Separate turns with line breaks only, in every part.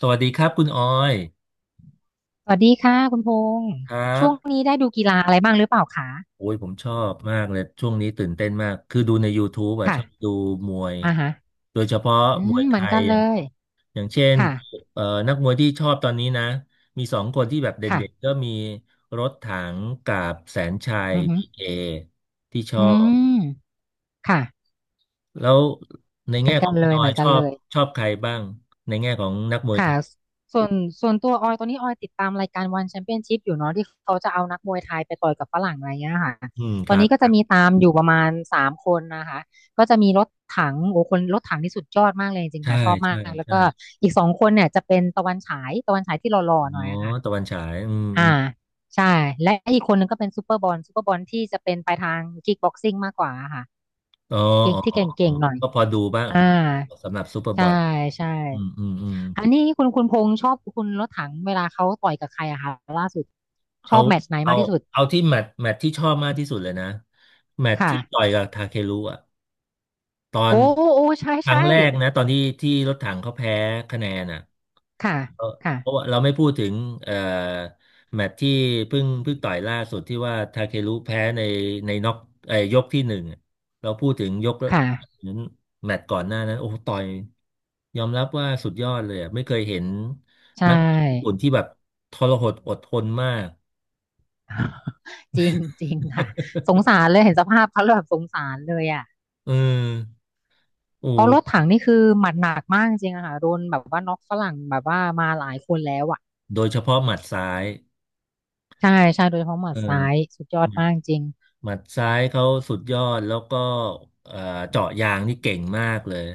สวัสดีครับคุณออย
สวัสดีค่ะคุณพงษ์
ครั
ช่วง
บ
นี้ได้ดูกีฬาอะไรบ้างหรือเปล่าคะ
โอ้ยผมชอบมากเลยช่วงนี้ตื่นเต้นมากคือดูใน YouTube อ่ะ
ค่ะ
ชอบดูมวย
อ่าฮะ
โดยเฉพาะ
อื
มว
ม
ยไท
เหมือนกั
ย
น
อ
เล
ย่าง
ย
อย่างเช่น
ค่ะ
เอ่อนักมวยที่ชอบตอนนี้นะมีสองคนที่แบบ
ค่ะ
เด่นๆก็มีรถถังกับแสนชัย
อื
พีเค
ออ
ที่ชอ
อื
บ
มค่ะ
แล้วใน
เหมื
แง่
อน
ข
กั
อ
น
งคุ
เล
ณ
ย
ออ
เหมื
ย
อน
ช
กัน
อ
เล
บ
ย
ชอบใครบ้างในแง่ของนักมวยไท
ค่ะ
ย
ส่วนส่วนตัวออยตอนนี้ออยติดตามรายการวันแชมเปี้ยนชิพอยู่เนาะที่เขาจะเอานักมวยไทยไปต่อยกับฝรั่งอะไรเงี้ยค่ะ
อืม
ต
ค
อน
รับ
นี้ก็
ค
จะ
รับ
มีตามอยู่ประมาณสามคนนะคะก็จะมีรถถังโอ้คนรถถังที่สุดยอดมากเลยจริงๆ
ใช่
ค่ะชอบมา
ใช่
กแล้ว
ใช่
ก็อีกสองคนเนี่ยจะเป็นตะวันฉายตะวันฉายที่หล่อ
อ๋อ
ๆหน่อยค่ะ
ตะวันฉายอื
อ่า
ม
ใช่และอีกคนนึงก็เป็นซูเปอร์บอลซูเปอร์บอลที่จะเป็นไปทางคิกบ็อกซิ่งมากกว่าค่ะ
อ๋อ
เก่ง
อ๋อ
ที่
อ๋อ
เ
อ๋
ก่
อ
งๆหน่อย
ก็พอดูบ้าง
อ่า
สำหรับซูเปอร์บ
ใช่
อท
ใช่
อืมอืมอืม
อันนี้คุณพงษ์ชอบคุณรถถังเวลาเขาต่อยกับใครอะคะล่าสุดช
เอา
อบแมตช์ไหน
เอา
มากที่สุด
เอาที่แมตช์ที่ชอบมากที่สุดเลยนะแมตช์
ค่ะ
ที่ต่อยกับทาเครุอ่ะตอน
โอ้โอ้ใช่
ครั้
ใช่
งแรกนะตอนที่รถถังเขาแพ้คะแนนอ่ะ
ค่ะ
เออ
ค่ะ
เพราะว่าเราไม่พูดถึงเอ่อแมตช์ที่เพิ่งต่อยล่าสุดที่ว่าทาเครุแพ้ในน็อกยกที่หนึ่งอะเราพูดถึงยก
ค่ะ
นั้นแมตช์ก่อนหน้านั้นโอ้โหต่อยยอมรับว่าสุดยอดเลยอะไม่เคยเห็น
ใช่
นักญี่ปุ่นที่แบ บทรหดอดทนมาก
จริงจริงค่ะสงสารเลยเห็นสภาพเขาแล้วแบบสงสารเลยอ่ะ
เออโอ
เพราะรถ
้
ถังนี่คือหมัดหนักมากจริงอะค่ะโดนแบบว่าน็อกฝรั่งแบบว่ามาหลายคนแล้วอ่ะ
โดยเฉพาะหมัดซ้าย
ใช่ใช่โดยเฉพาะหมั
เอ
ด
อ
ซ้ายสุดยอด
หมัด
มากจริง
หมัดซ้ายเขาสุดยอดแล้วก็เอ่อเจาะยางนี่เก่งมากเลย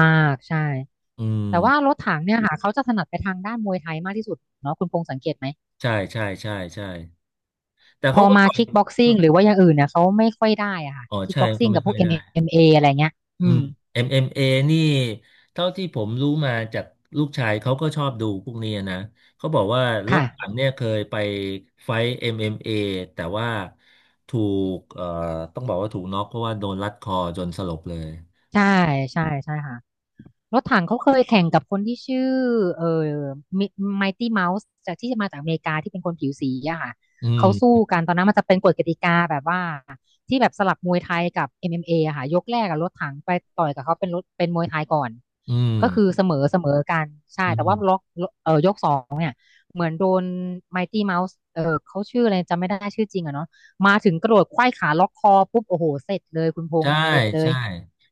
มากใช่
อื
แต่ว่าร
ม
ถถังเนี่ยค่ะเขาจะถนัดไปทางด้านมวยไทยมากที่สุดเนาะคุณพงษ์สังเกตไหม
ใช่ใช่ใช่ใช่แต่
พ
เขา
อ
ก็
มา
ตอ
คิกบ็
บ
อกซิ่งหรือว่าอย่างอื่นเนี่ยเขาไม่ค่อยได้อะค่ะ
อ๋อ
คิก
ใช่
บ็อก
ก็
ซิ่ง
ไม่
กับพ
ค่
ว
อย
ก MMA อม
ได้
เอ็มเออะไรเงี้ย
อื
อื
ม
ม
MMA นี่เท่าที่ผมรู้มาจากลูกชายเขาก็ชอบดูพวกนี้นะเขาบอกว่ารถ
ค่ะ
ถังเนี่ยเคยไปไฟท์ MMA แต่ว่าถูกต้องบอกว่าถูกน็อกเพราะว่าโดนรัดคอจนสลบเลย
ใช่ใช่ใช่ค่ะ รถถังเขาเคยแข่งกับคนที่ชื่อเอ่อไมตี้เมาส์จากที่มาจากอเมริกาที่เป็นคนผิวสีอะค่ะ
อื
เขา
ม
สู้กันตอนนั้นมันจะเป็นกฎกติกาแบบว่าที่แบบสลับมวยไทยกับ MMA อมเอ็มเออะค่ะยกแรกกับรถถังไปต่อยกับเขาเป็นรถเป็นมวยไทยก่อน
อืม
ก็คือเสมอเสมอกันใช่
อื
แต่ว่า
ม
ล็อกยกสองเนี่ยเหมือนโดนไมตี้เมาส์เออเขาชื่ออะไรจำไม่ได้ชื่อจริงอะเนาะมาถึงกระโดดไขว้ขาล็อกคอปุ๊บโอ้โหเสร็จเลยคุณพง
ใช่
ษ์เสร็จเลย
ใช่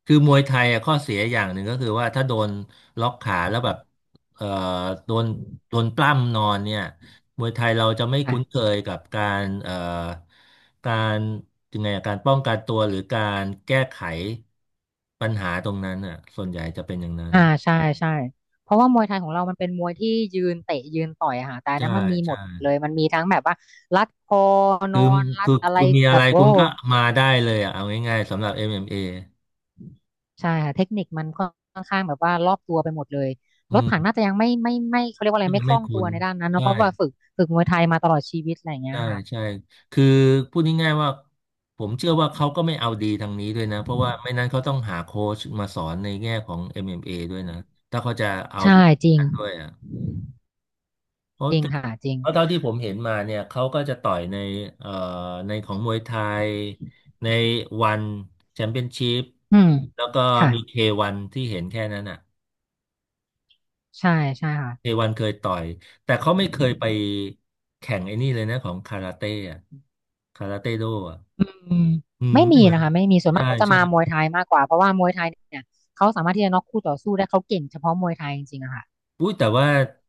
คือมวยไทยอะข้อเสียอย่างหนึ่งก็คือว่าถ้าโดนล็อกขาแล้วแบบเอ่อโดนโดนปล้ำนอนเนี่ยมวยไทยเราจะไม่
ค่ะ
คุ้นเคยกับการการยังไงอะการป้องกันตัวหรือการแก้ไขปัญหาตรงนั้นอ่ะส่วนใหญ่จะเป็นอย่างนั้น
อ่าใช่ใช่เพราะว่ามวยไทยของเรามันเป็นมวยที่ยืนเตะยืนต่อยอะค่ะแต่อันนั้
ใช่
นมันมีหม
ใช่
ดเลยมันมีทั้งแบบว่ารัดคอน
คื
อ
อ
นรัด
คือ
อะไร
คุณมีอะ
แบ
ไร
บโอ้
คุณก็มาได้เลยอ่ะเอาง่ายๆสำหรับ MMA อมเอ็ม
ใช่ค่ะเทคนิคมันค่อนข้างแบบว่ารอบตัวไปหมดเลย
เออื
รถ
ม
ถังน่าจะยังไม่เขาเรียกว่าอะ
ก็
ไร
ยั
ไม่
ง
ค
ไม่
ล่องตั
คุ้
ว
น
ในด้านนั้นเนอะเพ
ใช่
ราะว่าฝึกมวยไทยมาตลอดชีวิตอะไรอย่างเงี้ย
ใช่
ค่ะ
ใช่ คือพูดง่ายๆว่าผมเชื่อว่าเขาก็ไม่เอาดีทางนี้ด้วยนะ เพราะว่าไม่นั้นเขาต้องหาโค้ชมาสอนในแง่ของ MMA ด้วยนะถ้าเขาจะเอา
ใช่
ดี
จริง
กันด้วยอ่ะเพราะ
จริงค่ะจริง
เพราะเท่าที่ผมเห็นมาเนี่ยเขาก็จะต่อยในเอ่อในของมวยไทยในวันแชมเปี้ยนชิพ
อืม
แล้วก็
ค่ะ
มีเควันที่เห็นแค่นั้นอ่ะ
ใช่ใช่ค่ะ
เควันเคยต่อยแต่เขาไม่เคยไปแข่งไอ้นี่เลยนะของคาราเต้อ่ะคาราเต้โดอ่ะ
อืม
อืม
ไม่มีนะคะไม่มีส่วนมา
ใช่
กเขาจะ
ใช่
มามวยไทยมากกว่าเพราะว่ามวยไทยเนี่ยเขาสามารถที่จะน็อกคู่ต่อสู้ได้เขาเก่งเฉพาะมวยไทยจริงๆอะค่ะ
อุ้ยแต่ว่า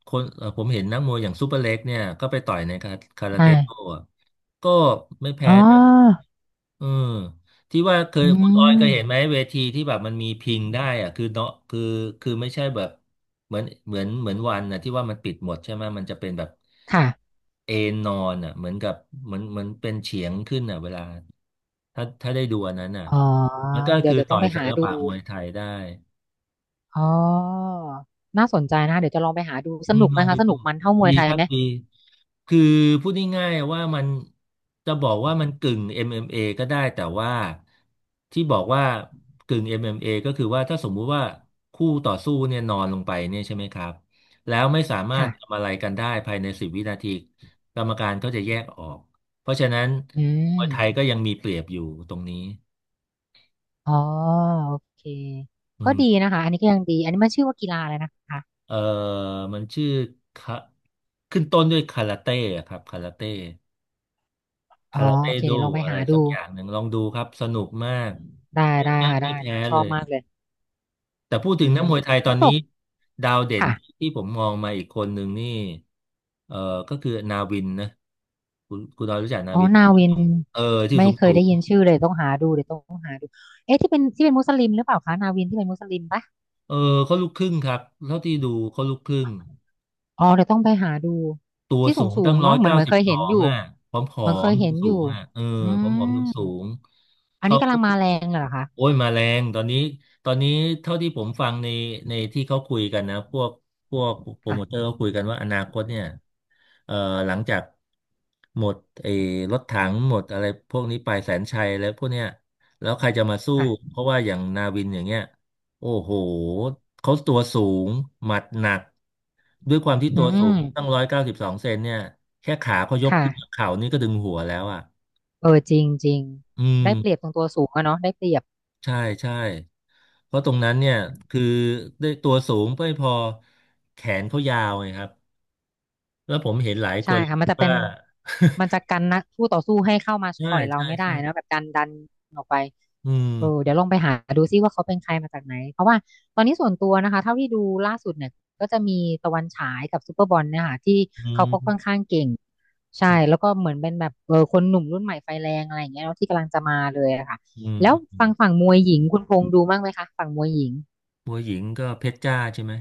คนผมเห็นนักมวยอย่างซูเปอร์เล็กเนี่ยก็ไปต่อยในคาคารา
ใช่
เต้โต้อะก็ไม่
อ๋
แพ้นะ
อ
เออที่ว่าเคย
อื
คุณออย
ม
เคยเห็นไหมเวทีที่แบบมันมีพิงได้อะคือเนาะคือคือไม่ใช่แบบเหมือนวันนะที่ว่ามันปิดหมดใช่ไหมมันจะเป็นแบบ
ค่ะ
เอนนอนอ่ะเหมือนกับเหมือนเป็นเฉียงขึ้นอ่ะเวลาถ้าได้ดูอันนั้นอ่ะ
อ๋อ
มันก็
เดี๋ย
คื
ว
อ
จะต้
ต่
อ
อ
ง
ย
ไป
ศิ
หา
ล
ดู
ปะมวยไทยได้
อ๋อน่าสนใจนะคะเดี๋ยวจะลองไปหาดูส
อืม
นุก
ล
ไหม
องไป
คะส
ดู
นุกมันเท่าม
ดี
วยไทย
ครับ
ไหม
ดีคือพูดง่ายๆว่ามันจะบอกว่ามันกึ่ง MMA ก็ได้แต่ว่าที่บอกว่ากึ่ง MMA ก็คือว่าถ้าสมมุติว่าคู่ต่อสู้เนี่ยนอนลงไปเนี่ยใช่ไหมครับแล้วไม่สามาร
ค่ะ
ถทำอะไรกันได้ภายใน10 วินาทีกรรมการก็จะแยกออกเพราะฉะนั้น
อื
มวย
ม
ไทยก็ยังมีเปรียบอยู่ตรงนี้
อ๋อโอเค
อื
ก็
ม
ดีนะคะอันนี้ก็ยังดีอันนี้มันชื่อว่ากีฬาอะไรนะคะ
เออมันชื่อคะขึ้นต้นด้วยคาราเต้อะครับคาราเต้
อ๋
คา
อ
ราเต้
โอเค
โด
เดี๋ยวลองไป
อะไร
หา
สั
ดู
กอย่างหนึ่งลองดูครับสนุกมาก
ได้
ไม่
ได้
ไม่
ค่ะ
ไม่
ได้
แพ้
ได้ช
เล
อบ
ย
มากเลย
แต่พูด
อื
ถึงนั
ม
กมวยไทยตอ
แล้ว
น
ป
นี้
ก
ดาวเด่น
ค่ะ
ที่ผมมองมาอีกคนหนึ่งนี่เออก็คือนาวินนะคุณดาวรู้จักนา
อ๋อ
วินไหม
นาวิน
เออที่
ไม่
สูง
เค
สู
ยได้
ง
ยินชื่อเลยต้องหาดูเดี๋ยวต้องหาดูเอ๊ะที่เป็นมุสลิมหรือเปล่าคะนาวินที่เป็นมุสลิมปะ
เออเขาลูกครึ่งครับเท่าที่ดูเขาลูกครึ่ง
อ๋อเดี๋ยวต้องไปหาดู
ตัว
ที่สู
สู
ง
ง
สู
ตั้
ง
งร้อ
เนาะ
ย
เหมือน
เก้า
เหมือน
สิบ
เคย
สอ
เห็นอ
ง
ยู่
อ่ะผอมผอ
เหมือนเค
ม
ย
สู
เห็
ง
นอ
สู
ยู่
งอ่ะเออ
อื
ผอมผอมสูงสู
ม
ง
อัน
เขา
นี้กำลังมาแรงเหรอคะ
โอ้ยมาแรงตอนนี้เท่าที่ผมฟังในที่เขาคุยกันนะ พวกโปรโมเตอร์
ค่ะ
เขาคุยกันว่าอนาคตเนี่ยเอ่อหลังจากหมดไอ้รถถังหมดอะไรพวกนี้ไปแสนชัยแล้วพวกเนี้ยแล้วใครจะมาสู้
ค่ะ
เพราะว่าอย่างนาวินอย่างเงี้ย โอ้โหเขาตัวสูงหมัดหนักด้วยความที่
อื
ตัวสูงตั้ง
ม
192 เซนเนี่ยแค่ขาเขายกขึ้นจาก
ค่ะ
เข่านี่ก็ดึงหัวแล้วอ่ะ
เออจริงจริง
อืม
ได้เปรียบตรงตัวสูงอะเนาะได้เปรียบ
ใช่ใช่เพราะตรงนั้นเนี่ยคือได้ตัวสูงไม่พอแขนเขายาวไงครับแล้วผมเห็นหลายค
ใช่
น
ค่ะมันจะเป็
ว่า
นมันจะ กันนะคู่ต่อสู้ให้เข้ามา
ใช่
ต่อยเรา
ใช่
ไม่ได้
ใช่
นะแบบดันออกไป
อืม
เออเดี๋ยวลองไปหาดูซิว่าเขาเป็นใครมาจากไหนเพราะว่าตอนนี้ส่วนตัวนะคะเท่าที่ดูล่าสุดเนี่ยก็จะมีตะวันฉายกับซูเปอร์บอลเนี่ยค่ะที่
อื
เขาก็ค่อน
ม
ข้างเก่ง
อื
ใช่
ม
แล้วก็เหมือนเป็นแบบเออคนหนุ่มรุ่นใหม่ไฟแรงอะไรอย่างเงี้ยเนาะที่กำลังจะมาเลยอะค่ะ
อืม
แล้ว
อืม
ฝั่งมวยหญิงคุณพงษ์ดูบ้างไหมคะฝั่งมวยหญิง
มวยหญิงก็เพชรจ้าใช่ไหม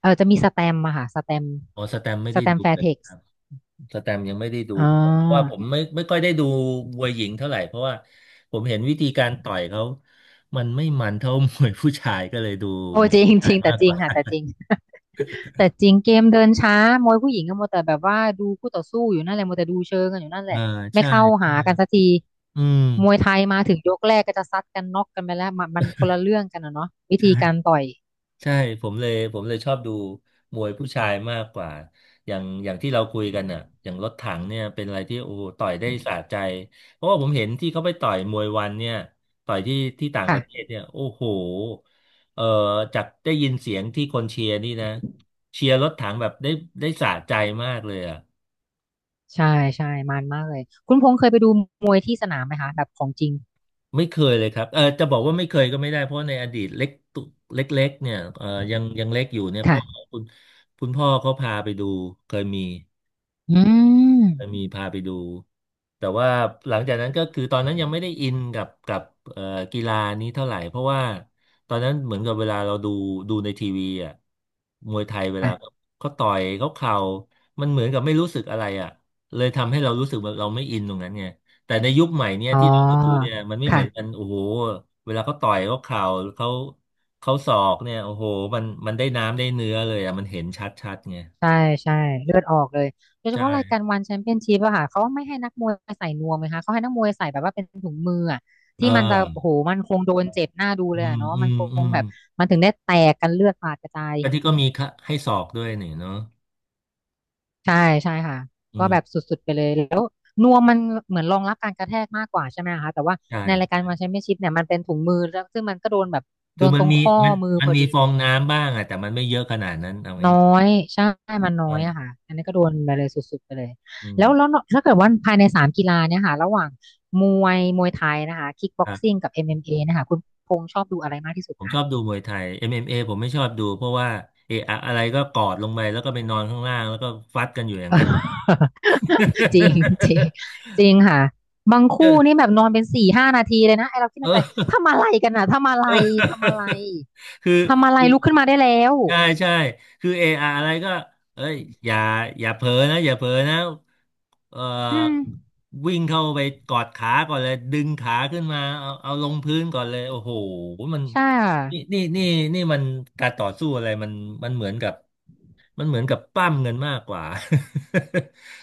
เออจะมีสแตมมาค่ะสแตม
อ๋อสแตมไม่
ส
ได้
แตม
ดู
แฟ
เล
ร์
ย
เท็กซ์
สแตมยังไม่ได้ดู
อ่า
เพราะว่าผมไม่ค่อยได้ดูมวยหญิงเท่าไหร่เพราะว่าผมเห็นวิธีการต่อยเขา มันไม่มันเท่า มวยผู้ชายก็เลยดู
โอ้
มวย
จริ
ผู้
งจ
ชาย
ริงแต่
มาก
จ
ก
ริง
ว่า
ค่ะแต่จริง แต่จริงเกมเดินช้ามวยผู้หญิงก็มัวแต่แบบว่าดูคู่ต่อสู้อยู่นั่นแหละมัวแต่ดูเชิงกันอยู่นั่นแห
อ่า
ละไม่
ใช่
เข้าหากันสักที
อืม
มวยไทยมาถึงยกแรกก็จะซัดกันน็อกกันไปแล้วมันคนละเรื่องกันนะเนาะวิธีการ
ใช่
ต่อย
ใช่ผมเลยชอบดูมวยผู้ชายมากกว่าอย่างที่เราคุยกันน่ะอย่างรถถังเนี่ยเป็นอะไรที่โอ้โหต่อยได้สะใจเพราะว่าผมเห็นที่เขาไปต่อยมวยวันเนี่ยต่อยที่ที่ต่างป
ค่ะ
ระเทศเนี่ยโอ้โหเอ่อจากได้ยินเสียงที่คนเชียร์นี่นะเชียร์รถถังแบบได้ได้สะใจมากเลยอ่ะ
ใช่ใช่มันมากเลยคุณพงษ์เคยไปดูมวยที่สนามไหมคะแบบของจริง
ไม่เคยเลยครับเออจะบอกว่าไม่เคยก็ไม่ได้เพราะในอดีตเล็กตุเล็กๆเนี่ยเออยังเล็กอยู่เนี่ยพ่
ค่ะ
อคุณคุณพ่อเขาพาไปดูเคยมี
อืม
เออมีพาไปดูแต่ว่าหลังจากนั้นก็คือตอนนั้นยังไม่ได้อินกับเอ่อกีฬานี้เท่าไหร่เพราะว่าตอนนั้นเหมือนกับเวลาเราดูในทีวีอ่ะมวยไทยเวลา
ค่ะ
เขาต่อยเขาเข่ามันเหมือนกับไม่รู้สึกอะไรอ่ะเลยทำให้เรารู้สึกว่าเราไม่อินตรงนั้นไงแต่ในยุคใหม่เนี่ย
อ๋อ
ที่เราดูเนี่ยมันไม่เหมื
ค่ะ
อนกันโอ้โหเวลาเขาต่อยเขาเข่าเขาศอกเนี่ยโอ้โหมันมันได้น้ำได้เนื้อเลยอ่ะมันเห็นชัดชัดไง
ใช่ใช่เลือดออกเลยโดยเฉพาะรายการ
ใช่
วันแชมเปี้ยนชิพอะค่ะเขาไม่ให้นักมวยใส่นวมเลยค่ะเขาให้นักมวยใส่แบบว่าเป็นถุงมืออะ
เอ
ที่มันจะโอ้
อ
โหมันคงโดนเจ็บหน้าดูเล
อื
ยอะ
ม
เนาะ
อื
มัน
ม
ค
อื
ง
ม
แบบมันถึงได้แตกกันเลือดสาดกระจาย
แล้วที่ก็มีค่ะให้สอบด้วยนี่เนาะ
ใช่ใช่ค่ะ
อื
ก็แบบ
ม
สุดๆไปเลยแล้วนวมมันเหมือนรองรับการกระแทกมากกว่าใช่ไหมคะแต่ว่า
ใช่
ในรายการวันแชมเปี้ยนชิพเนี่ยมันเป็นถุงมือแล้วซึ่งมันก็โดนแบบโด
คือ
นตรงข้อ
มัน
มือ
มั
พ
น
อ
มี
ดี
ฟ
เล
อ
ย
งน้ำบ้างอะแต่มันไม่เยอะขนาดนั้นเอา
น้อ
ง่าย
ยใช่มัน
ๆ
น้อ
ใช่
ยอะค่ะอันนี้ก็โดนไปเลยสุดๆไปเลย
อืม
แล้วถ้าเกิดว่าภายในสามกีฬาเนี่ยค่ะระหว่างมวยไทยนะคะคิกบ็
ค
อก
รับ
ซิ่งกับ MMA นะคะคุณพงษ์ชอบดูอะไรมากที่สุด
ผมช
คะ
อบดูมวยไทย MMA ผมไม่ชอบดูเพราะว่าเอะอะอะไรก็กอดลงไปแล้วก็ไปนอนข้างล่างแล้วก็ฟัดกันอยู่อย่าง
เออ
นั้น
จริงจริงจริงค่ะบางคู่
เอ
นี่แบบนอนเป็นสี่ห้านาทีเลยนะไอเราคิดในใจ
อ
ทำอะไรกันอ่ะทำอะไร
เ
ทำอะไร
ออ คือ
ทำอะไร
คือ
ลุกขึ้นมาได้แล้ว
ใช่ใช่คือเอออะไรก็เอ้ยอย่าอย่าเผลอนะอย่าเผลอนะเอ่อ
อืม
วิ่งเข้าไปกอดขาก่อนเลยดึงขาขึ้นมาเอาเอาลงพื้นก่อนเลยโอ้โหมัน
ใช่ค่ะ
นี่นี่มันการต่อสู้อะไรมันมันเหมือนกับมันเหมือนกับปั้มเงินมากกว่า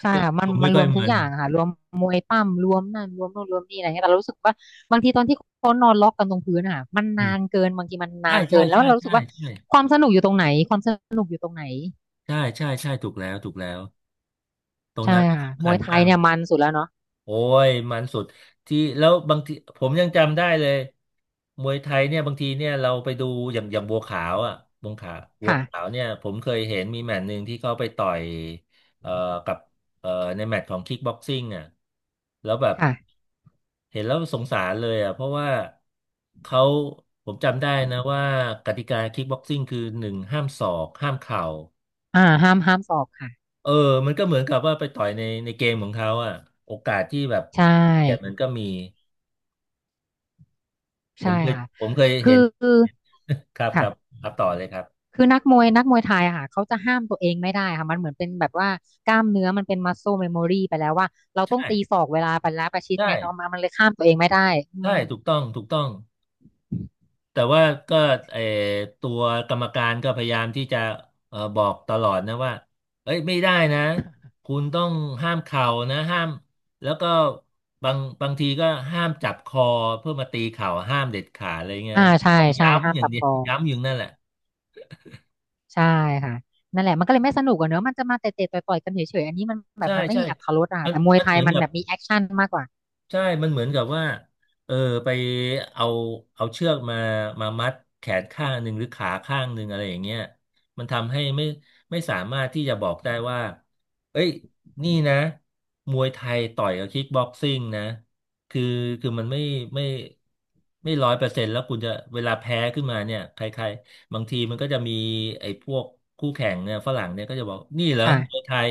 ใช่
ก็
ค่ะมัน
ดูไม่
มันร
ค่อ
ว
ย
มทุก
มั
อ
น
ย่างอะค่ะรวมมวยปั้มรวมนั่นรวมโน่นรวมนี่อะไรเงี้ยแต่เรารู้สึกว่าบางทีตอนที่เขานอนล็อกกันตรงพื้นอะค่ะมัน
อื
นา
ม
นเกินบางทีมันนา
ใช่
นเกิ
ใช่
นแล้ว
ใช่
เรารู้สึ
ใช่
กว่า
ใช่
ความสนุกอยู่ตรงไหนความสนุกอยู่ตรงไหน
ใช่ใช่ใช่ถูกแล้วถูกแล้วตรง
ใช่
นั้น
ค่ะ
สำ
ม
คั
ว
ญ
ยไท
มา
ย
ก
เนี่ยมันสุดแล้วเนาะ
โอ้ยมันสุดที่แล้วบางทีผมยังจำได้เลยมวยไทยเนี่ยบางทีเนี่ยเราไปดูอย่างบัวขาวอ่ะบัวขาว
ค่ะ
เนี่ยผมเคยเห็นมีแมตช์หนึ่งที่เขาไปต่อยเอ่อกับเอ่อในแมตช์ของคิกบ็อกซิ่งอ่ะแล้วแบบ
ค่ะ
เห็นแล้วสงสารเลยอ่ะเพราะว่าเขาผมจำได้นะว่ากติกาคิกบ็อกซิ่งคือหนึ่งห้ามศอกห้ามเข่า
อ่าห้ามสอบค่ะ
เออมันก็เหมือนกับว่าไปต่อยในเกมของเขาอ่ะโอกาสที่แบบ
ใช
เกียรติมั
่
นก็มี ผ
ใช่
มเคย
ค่ะ
ผมเคย
คือ
เห็น
คือ
ครับ
ค่ะ
ครับต่อเลยครับ
คือนักมวยไทยอะค่ะเขาจะห้ามตัวเองไม่ได้ค่ะมันเหมือนเป็นแบบว่ากล้ามเนื้อมันเป็นมัสโ l เม e โมรีไปแล้วว่าเราต้อง
ใช่
ตีศอกเวลาไปแล้วประชิด
ใช่
ไงเขามามันเลยห้ามตัวเองไม่ได้อื
ใช่
ม
ถูกต้อง ถูกต้อง แต่ว่าก็เออตัวกรรมการก็พยายามที่จะเออบอกตลอดนะว่าเอ้ยไม่ได้นะ คุณต้องห้ามเข่านะห้ามแล้วก็บางทีก็ห้ามจับคอเพื่อมาตีเข่าห้ามเด็ดขาดอะไรเงี้ย
อ่าใช่
ก็
ใช่ห้า
ย้ำ
ม
อย่าง
จับ
เดีย
ค
ว
อง
ย้ำอยู่นั่นแหละ
ใช่ค่ะนั่นแหละมันก็เลยไม่สนุกอะเนอะมันจะมาเตะๆต่อยๆกันเฉยๆอันนี้มันแบบ
ใช่
มันไม่
ใช่
มีอรรถรสอะ
มั
ค่ะ
น
แต่มวย
มัน
ไท
เห
ย
มือน
มัน
กับ
แบบมีแอคชั่นมากกว่า
ใช่มันเหมือนกับว่าเออไปเอาเอาเชือกมามัดแขนข้างหนึ่งหรือขาข้างหนึ่งอะไรอย่างเงี้ยมันทำให้ไม่สามารถที่จะบอกได้ว่าเอ้ยนี่นะมวยไทยต่อยกับคิกบ็อกซิ่งนะคือคือมันไม่ไม่100%แล้วคุณจะเวลาแพ้ขึ้นมาเนี่ยใครๆบางทีมันก็จะมีไอ้พวกคู่แข่งเนี่ยฝรั่งเนี่ยก็จะบอกนี่เหรอ
ค่ะ
มวยไทย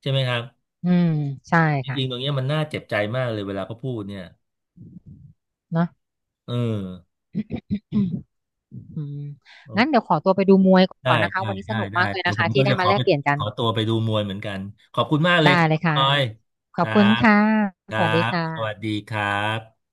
ใช่ไหมครับ
อืมใช่
จริงๆตร
ค่ะ
งเนี้ยมันน่าเจ็บใจมากเลยเวลาเขาพูดเนี่ย
เนอะ
เออ
อืมงั้น
โอ
เดี๋ยวขอตัวไปดูมวย
ได้
ก่อนนะคะ
ได้
วันนี้ส
ได้
นุก
ได้
มากเลย
เดี๋ย
นะ
วผ
คะ
มก็
ที่ได้
จะข
มา
อ
แล
ไป
กเปลี่ยนกั
ข
น
อตัวไปดูมวยเหมือนกัน ขอบคุณมากเล
ได้
ยครับ
เลย
คุณ
ค่ะ
ออย
ข
ค
อบ
รั
คุณ
บ
ค่ะ
ค
ส
รั
วัสดี
บ
ค
สวัสดี
่ะ
ครับ